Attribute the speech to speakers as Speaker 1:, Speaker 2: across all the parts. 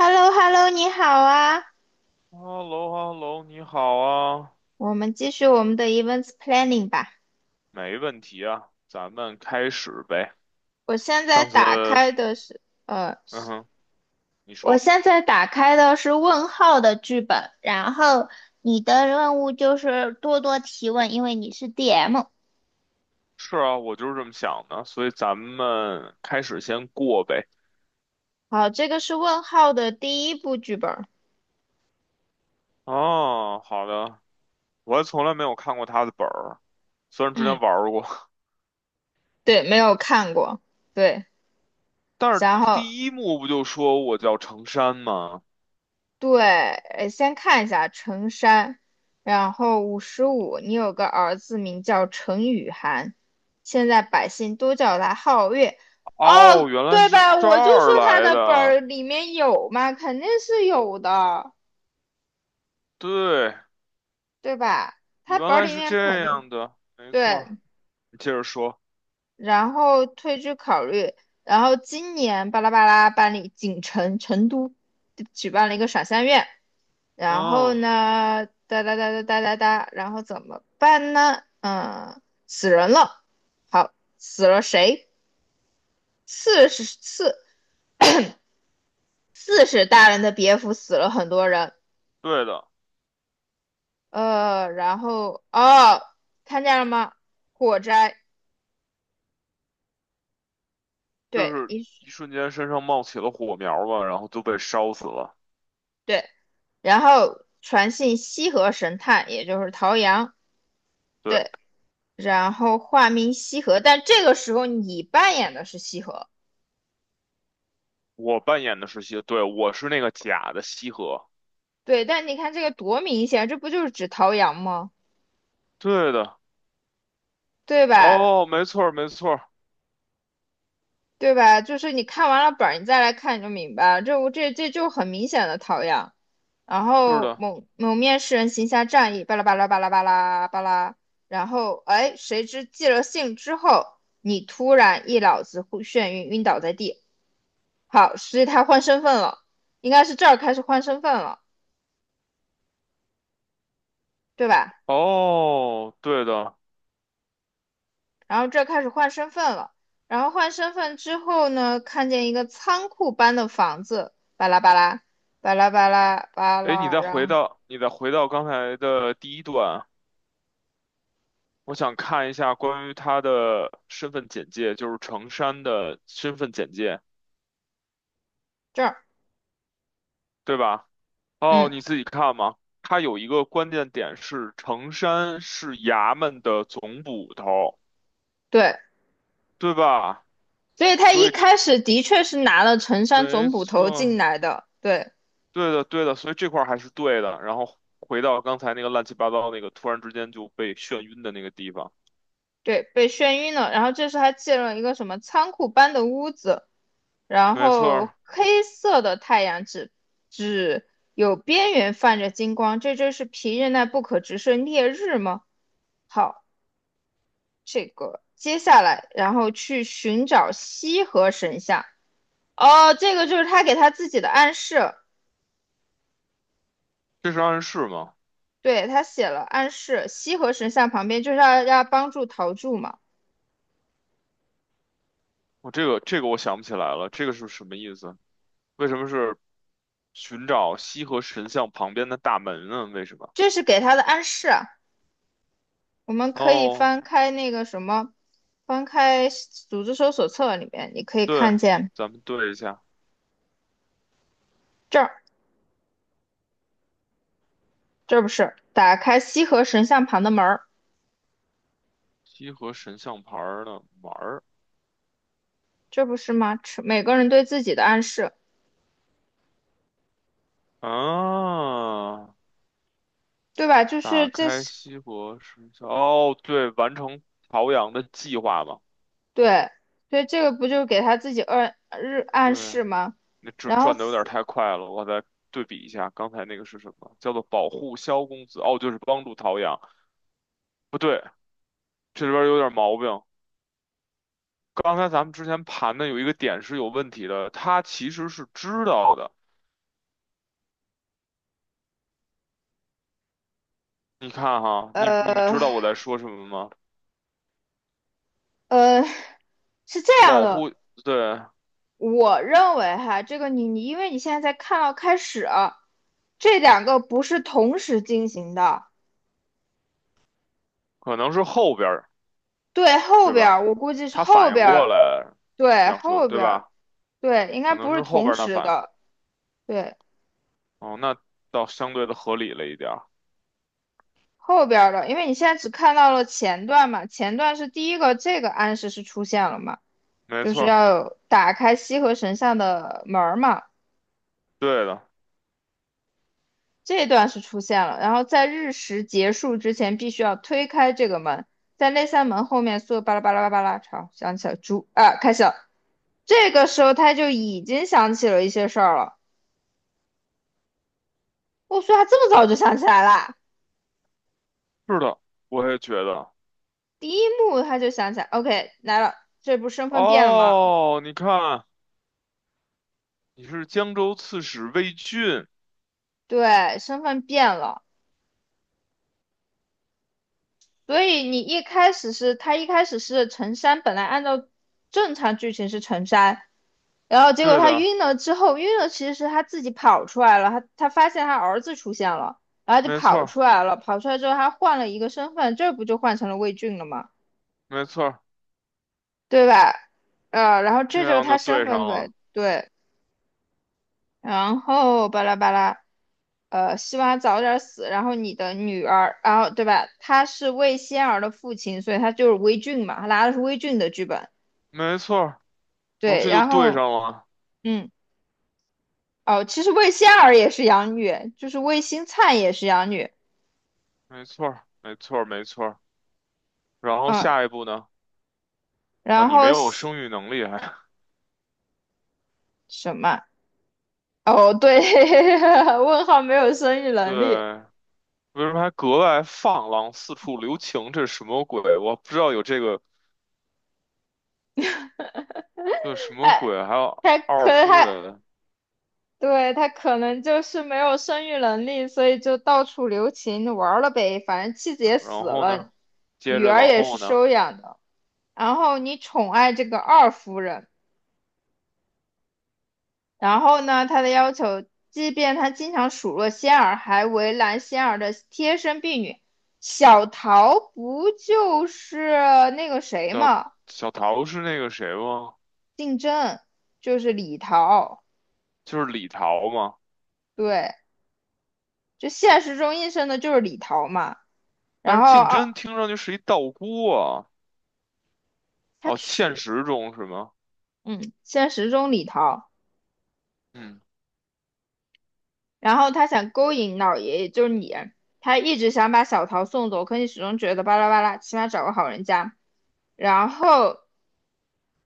Speaker 1: h e l l o h e l l o 你好啊，
Speaker 2: h e l l o h e l l o 你好啊。
Speaker 1: 我们继续我们的 events planning 吧。
Speaker 2: 没问题啊，咱们开始呗。
Speaker 1: 我现在
Speaker 2: 上次
Speaker 1: 打开
Speaker 2: 是。
Speaker 1: 的是，呃，
Speaker 2: 嗯哼，你
Speaker 1: 我
Speaker 2: 说。
Speaker 1: 现在打开的是问号的剧本，然后你的任务就是多多提问，因为你是 DM。
Speaker 2: 是啊，我就是这么想的，所以咱们开始先过呗。
Speaker 1: 好，这个是问号的第一部剧本。
Speaker 2: 哦，好的，我还从来没有看过他的本儿，虽然之前
Speaker 1: 嗯，
Speaker 2: 玩儿过，
Speaker 1: 对，没有看过。对，
Speaker 2: 但是
Speaker 1: 然后
Speaker 2: 第一幕不就说我叫程山吗？
Speaker 1: 对，先看一下陈山，然后55，你有个儿子名叫陈雨涵，现在百姓都叫他皓月。
Speaker 2: 哦，
Speaker 1: 哦，
Speaker 2: 原来
Speaker 1: 对
Speaker 2: 是
Speaker 1: 吧？
Speaker 2: 这
Speaker 1: 我就说
Speaker 2: 儿
Speaker 1: 他
Speaker 2: 来
Speaker 1: 的本
Speaker 2: 的。
Speaker 1: 儿里面有嘛，肯定是有的，
Speaker 2: 对，
Speaker 1: 对吧？他
Speaker 2: 原
Speaker 1: 本儿
Speaker 2: 来
Speaker 1: 里
Speaker 2: 是
Speaker 1: 面肯
Speaker 2: 这
Speaker 1: 定
Speaker 2: 样的，没错。
Speaker 1: 对。
Speaker 2: 你接着说。
Speaker 1: 然后退居考虑，然后今年巴拉巴拉办理锦城成都举办了一个赏香月，然后
Speaker 2: 嗯，
Speaker 1: 呢，哒哒哒哒哒哒哒，然后怎么办呢？嗯，死人了，好，死了谁？四是四四是大人的别府死了很多人，
Speaker 2: 对的。
Speaker 1: 然后哦，看见了吗？火灾，
Speaker 2: 就
Speaker 1: 对，
Speaker 2: 是
Speaker 1: 一
Speaker 2: 一瞬间身上冒起了火苗吧，然后都被烧死了。
Speaker 1: 对，然后传信西河神探，也就是陶阳。
Speaker 2: 对，
Speaker 1: 对，然后化名西河，但这个时候你扮演的是西河，
Speaker 2: 我扮演的是西，对，我是那个假的西河。
Speaker 1: 对，但你看这个多明显，这不就是指陶阳吗？
Speaker 2: 对的。
Speaker 1: 对吧？
Speaker 2: 哦，没错儿，没错儿。
Speaker 1: 对吧？就是你看完了本儿，你再来看你就明白了，这我这这就很明显的陶阳。然
Speaker 2: 是
Speaker 1: 后
Speaker 2: 的。
Speaker 1: 某某面试人行侠仗义，巴拉巴拉巴拉巴拉巴拉，然后哎，谁知寄了信之后，你突然一脑子忽眩晕，晕倒在地。好，所以他换身份了，应该是这儿开始换身份了，对吧？
Speaker 2: 哦，对的。
Speaker 1: 然后这开始换身份了。然后换身份之后呢，看见一个仓库般的房子，巴拉巴拉，巴拉巴拉巴
Speaker 2: 哎，你
Speaker 1: 拉，
Speaker 2: 再
Speaker 1: 然
Speaker 2: 回
Speaker 1: 后
Speaker 2: 到你再回到刚才的第一段，我想看一下关于他的身份简介，就是程山的身份简介，
Speaker 1: 这儿，
Speaker 2: 对吧？哦，
Speaker 1: 嗯，
Speaker 2: 你自己看嘛。他有一个关键点是，程山是衙门的总捕头。
Speaker 1: 对，
Speaker 2: 对吧？
Speaker 1: 所以他
Speaker 2: 所
Speaker 1: 一
Speaker 2: 以
Speaker 1: 开始的确是拿了陈山
Speaker 2: 没
Speaker 1: 总捕头进
Speaker 2: 错，
Speaker 1: 来的，对
Speaker 2: 对的，对的，所以这块儿还是对的。然后回到刚才那个乱七八糟那个突然之间就被眩晕的那个地方。
Speaker 1: 对，被眩晕了。然后这时他进了一个什么仓库般的屋子，然
Speaker 2: 没错
Speaker 1: 后
Speaker 2: 儿。
Speaker 1: 黑色的太阳只有边缘泛着金光，这真是皮日奈不可直视烈日吗？好，这个，接下来然后去寻找西河神像。哦，这个就是他给他自己的暗示，
Speaker 2: 这是暗示吗？
Speaker 1: 对，他写了暗示，西河神像旁边就是要帮助陶铸嘛，
Speaker 2: 我我想不起来了，这个是什么意思？为什么是寻找西河神像旁边的大门呢？为什么？
Speaker 1: 这是给他的暗示啊我们可以
Speaker 2: 哦，
Speaker 1: 翻开那个什么，翻开组织搜索册里面，你可以
Speaker 2: 对，
Speaker 1: 看见
Speaker 2: 咱们对一下
Speaker 1: 这儿，这不是打开西河神像旁的门儿，
Speaker 2: 西河神像牌儿的玩儿
Speaker 1: 这不是吗？每个人对自己的暗示，
Speaker 2: 啊，
Speaker 1: 对吧？就
Speaker 2: 打
Speaker 1: 是这
Speaker 2: 开
Speaker 1: 是
Speaker 2: 西国时效。哦，对，完成陶阳的计划嘛。
Speaker 1: 对，所以这个不就是给他自己暗
Speaker 2: 对，
Speaker 1: 示吗？
Speaker 2: 那这
Speaker 1: 然后
Speaker 2: 转的有点太快了，我再对比一下，刚才那个是什么？叫做保护萧公子。哦，就是帮助陶阳。不对，这里边有点毛病。刚才咱们之前盘的有一个点是有问题的，他其实是知道的。你看哈，你们
Speaker 1: 呃
Speaker 2: 知道我在说什么吗？
Speaker 1: 呃，是这样
Speaker 2: 保
Speaker 1: 的，
Speaker 2: 护。对，
Speaker 1: 我认为哈，这个你因为你现在才看到开始啊这两个不是同时进行的，
Speaker 2: 可能是后边儿，
Speaker 1: 对，后
Speaker 2: 对
Speaker 1: 边儿
Speaker 2: 吧？
Speaker 1: 我估计是
Speaker 2: 他
Speaker 1: 后
Speaker 2: 反应
Speaker 1: 边
Speaker 2: 过
Speaker 1: 儿，
Speaker 2: 来。你
Speaker 1: 对，
Speaker 2: 想说，
Speaker 1: 后
Speaker 2: 对
Speaker 1: 边儿，
Speaker 2: 吧？
Speaker 1: 对，应该
Speaker 2: 可能
Speaker 1: 不是
Speaker 2: 是后
Speaker 1: 同
Speaker 2: 边儿他
Speaker 1: 时
Speaker 2: 反应。
Speaker 1: 的，对，
Speaker 2: 哦，那倒相对的合理了一点儿。
Speaker 1: 后边儿的，因为你现在只看到了前段嘛，前段是第一个，这个暗示是出现了嘛。
Speaker 2: 没
Speaker 1: 就
Speaker 2: 错
Speaker 1: 是
Speaker 2: 儿。
Speaker 1: 要打开西河神像的门儿嘛，
Speaker 2: 对的。
Speaker 1: 这一段是出现了。然后在日食结束之前，必须要推开这个门，在那扇门后面，所有巴拉巴拉巴拉巴拉，好，想起来猪啊，开始了。这个时候他就已经想起了一些事儿了。我说他这么早就想起来啦，
Speaker 2: 是的，我也觉得。
Speaker 1: 第一幕他就想起来，OK，来了，这不身份变了吗？
Speaker 2: 哦，你看，你是江州刺史魏俊。
Speaker 1: 对，身份变了。所以你一开始是他一开始是陈山，本来按照正常剧情是陈山。然后结果
Speaker 2: 对
Speaker 1: 他
Speaker 2: 的，
Speaker 1: 晕了之后，晕了其实是他自己跑出来了，他发现他儿子出现了，然后就
Speaker 2: 没错
Speaker 1: 跑
Speaker 2: 儿，
Speaker 1: 出来了，跑出来之后他换了一个身份，这不就换成了魏俊了吗？
Speaker 2: 没错儿，
Speaker 1: 对吧？然后
Speaker 2: 这
Speaker 1: 这就是
Speaker 2: 样
Speaker 1: 他
Speaker 2: 就
Speaker 1: 身
Speaker 2: 对上
Speaker 1: 份
Speaker 2: 了。
Speaker 1: 呗，对，然后巴拉巴拉，希望他早点死，然后你的女儿，然后对吧？他是魏仙儿的父亲，所以他就是魏俊嘛，他拿的是魏俊的剧本，
Speaker 2: 没错儿，然后
Speaker 1: 对，
Speaker 2: 这就
Speaker 1: 然
Speaker 2: 对
Speaker 1: 后
Speaker 2: 上了。
Speaker 1: 嗯，哦，其实魏仙儿也是养女，就是魏新灿也是养女。
Speaker 2: 没错儿，没错儿，没错儿，然后
Speaker 1: 嗯，
Speaker 2: 下一步呢？啊，
Speaker 1: 然
Speaker 2: 你没
Speaker 1: 后
Speaker 2: 有
Speaker 1: 西
Speaker 2: 生育能力还。
Speaker 1: 什么？哦，对，问号没有生育能力，
Speaker 2: 对，为什么还格外放浪，四处留情？这是什么鬼？我不知道有这个。对，什么
Speaker 1: 哎，
Speaker 2: 鬼？还有
Speaker 1: 他
Speaker 2: 二
Speaker 1: 可
Speaker 2: 夫
Speaker 1: 他
Speaker 2: 人。
Speaker 1: 对他可能就是没有生育能力，所以就到处留情玩儿了呗。反正妻子也死
Speaker 2: 然后呢，
Speaker 1: 了，
Speaker 2: 接
Speaker 1: 女
Speaker 2: 着
Speaker 1: 儿
Speaker 2: 往
Speaker 1: 也是
Speaker 2: 后呢？
Speaker 1: 收养的。然后你宠爱这个二夫人，然后呢，他的要求，即便他经常数落仙儿，还为难仙儿的贴身婢女小桃，不就是那个谁
Speaker 2: 叫
Speaker 1: 吗？
Speaker 2: 小桃是那个谁吗？
Speaker 1: 竞争就是李桃，
Speaker 2: 就是李桃吗？
Speaker 1: 对，就现实中应声的就是李桃嘛。
Speaker 2: 但
Speaker 1: 然
Speaker 2: 是
Speaker 1: 后
Speaker 2: 竞争听上去是一道姑啊。
Speaker 1: 他
Speaker 2: 哦，现
Speaker 1: 娶，
Speaker 2: 实中是吗？
Speaker 1: 嗯，现实中李桃，
Speaker 2: 嗯，
Speaker 1: 然后他想勾引老爷爷，就是你，他一直想把小桃送走，可你始终觉得巴拉巴拉，起码找个好人家。然后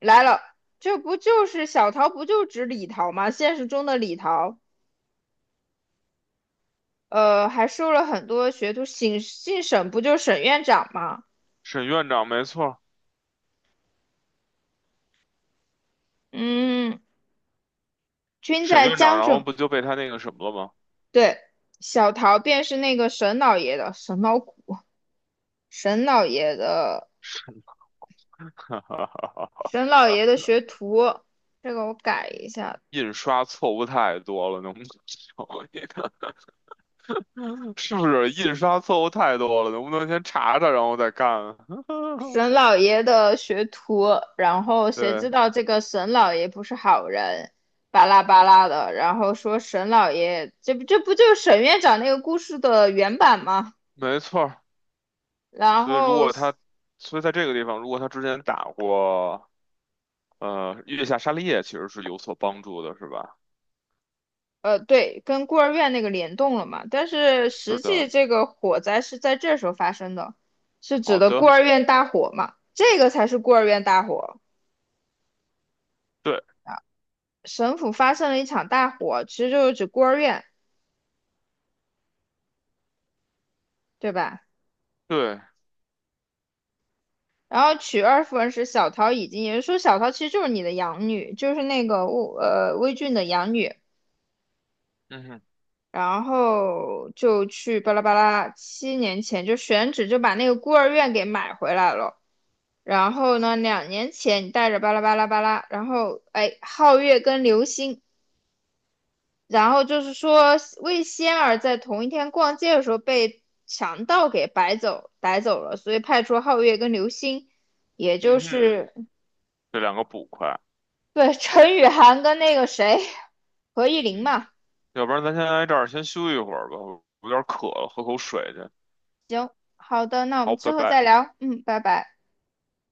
Speaker 1: 来了，这不就是小桃，不就指李桃吗？现实中的李桃，还收了很多学徒，省姓沈不就是沈院长吗？
Speaker 2: 沈院长没错儿。
Speaker 1: 嗯，均
Speaker 2: 沈
Speaker 1: 在
Speaker 2: 院长，
Speaker 1: 江
Speaker 2: 然后
Speaker 1: 浙。
Speaker 2: 不就被他那个什么了吗？
Speaker 1: 对，小桃便是那个沈老爷的沈老爷的
Speaker 2: 哈哈哈哈。
Speaker 1: 沈老爷的学徒，这个我改一下，
Speaker 2: 印刷错误太多了，能不能少一点？是不是印刷错误太多了？能不能先查查，然后再干啊？
Speaker 1: 沈老爷的学徒。然后谁
Speaker 2: 对，
Speaker 1: 知道这个沈老爷不是好人，巴拉巴拉的，然后说沈老爷，这不就是沈院长那个故事的原版吗？
Speaker 2: 没错儿，
Speaker 1: 然
Speaker 2: 所以如
Speaker 1: 后
Speaker 2: 果他，所以在这个地方，如果他之前打过。月下沙利叶其实是有所帮助的，是吧？
Speaker 1: 对，跟孤儿院那个联动了嘛，但是
Speaker 2: 是
Speaker 1: 实
Speaker 2: 的。
Speaker 1: 际这个火灾是在这时候发生的，是指
Speaker 2: 好
Speaker 1: 的孤
Speaker 2: 的，
Speaker 1: 儿院大火嘛，这个才是孤儿院大火。
Speaker 2: 对，
Speaker 1: 省府发生了一场大火，其实就是指孤儿院，对吧？
Speaker 2: 对，
Speaker 1: 然后娶二夫人时，小桃已经，也就是说小桃其实就是你的养女，就是那个魏俊的养女，
Speaker 2: 嗯哼，
Speaker 1: 然后就去巴拉巴拉，7年前就选址就把那个孤儿院给买回来了。然后呢，2年前你带着巴拉巴拉巴拉，然后哎，皓月跟流星，然后就是说魏仙儿在同一天逛街的时候被强盗给摆走逮走了，所以派出皓月跟流星，也就
Speaker 2: 嗯哼，
Speaker 1: 是
Speaker 2: 这两个捕快。
Speaker 1: 对陈雨涵跟那个谁何艺玲
Speaker 2: 嗯，
Speaker 1: 嘛。
Speaker 2: 要不然咱先来这儿先休息一会儿吧，我有点渴了，喝口水去。
Speaker 1: 行，好的，那我们
Speaker 2: 好，
Speaker 1: 之
Speaker 2: 拜
Speaker 1: 后
Speaker 2: 拜。
Speaker 1: 再聊，嗯，拜拜。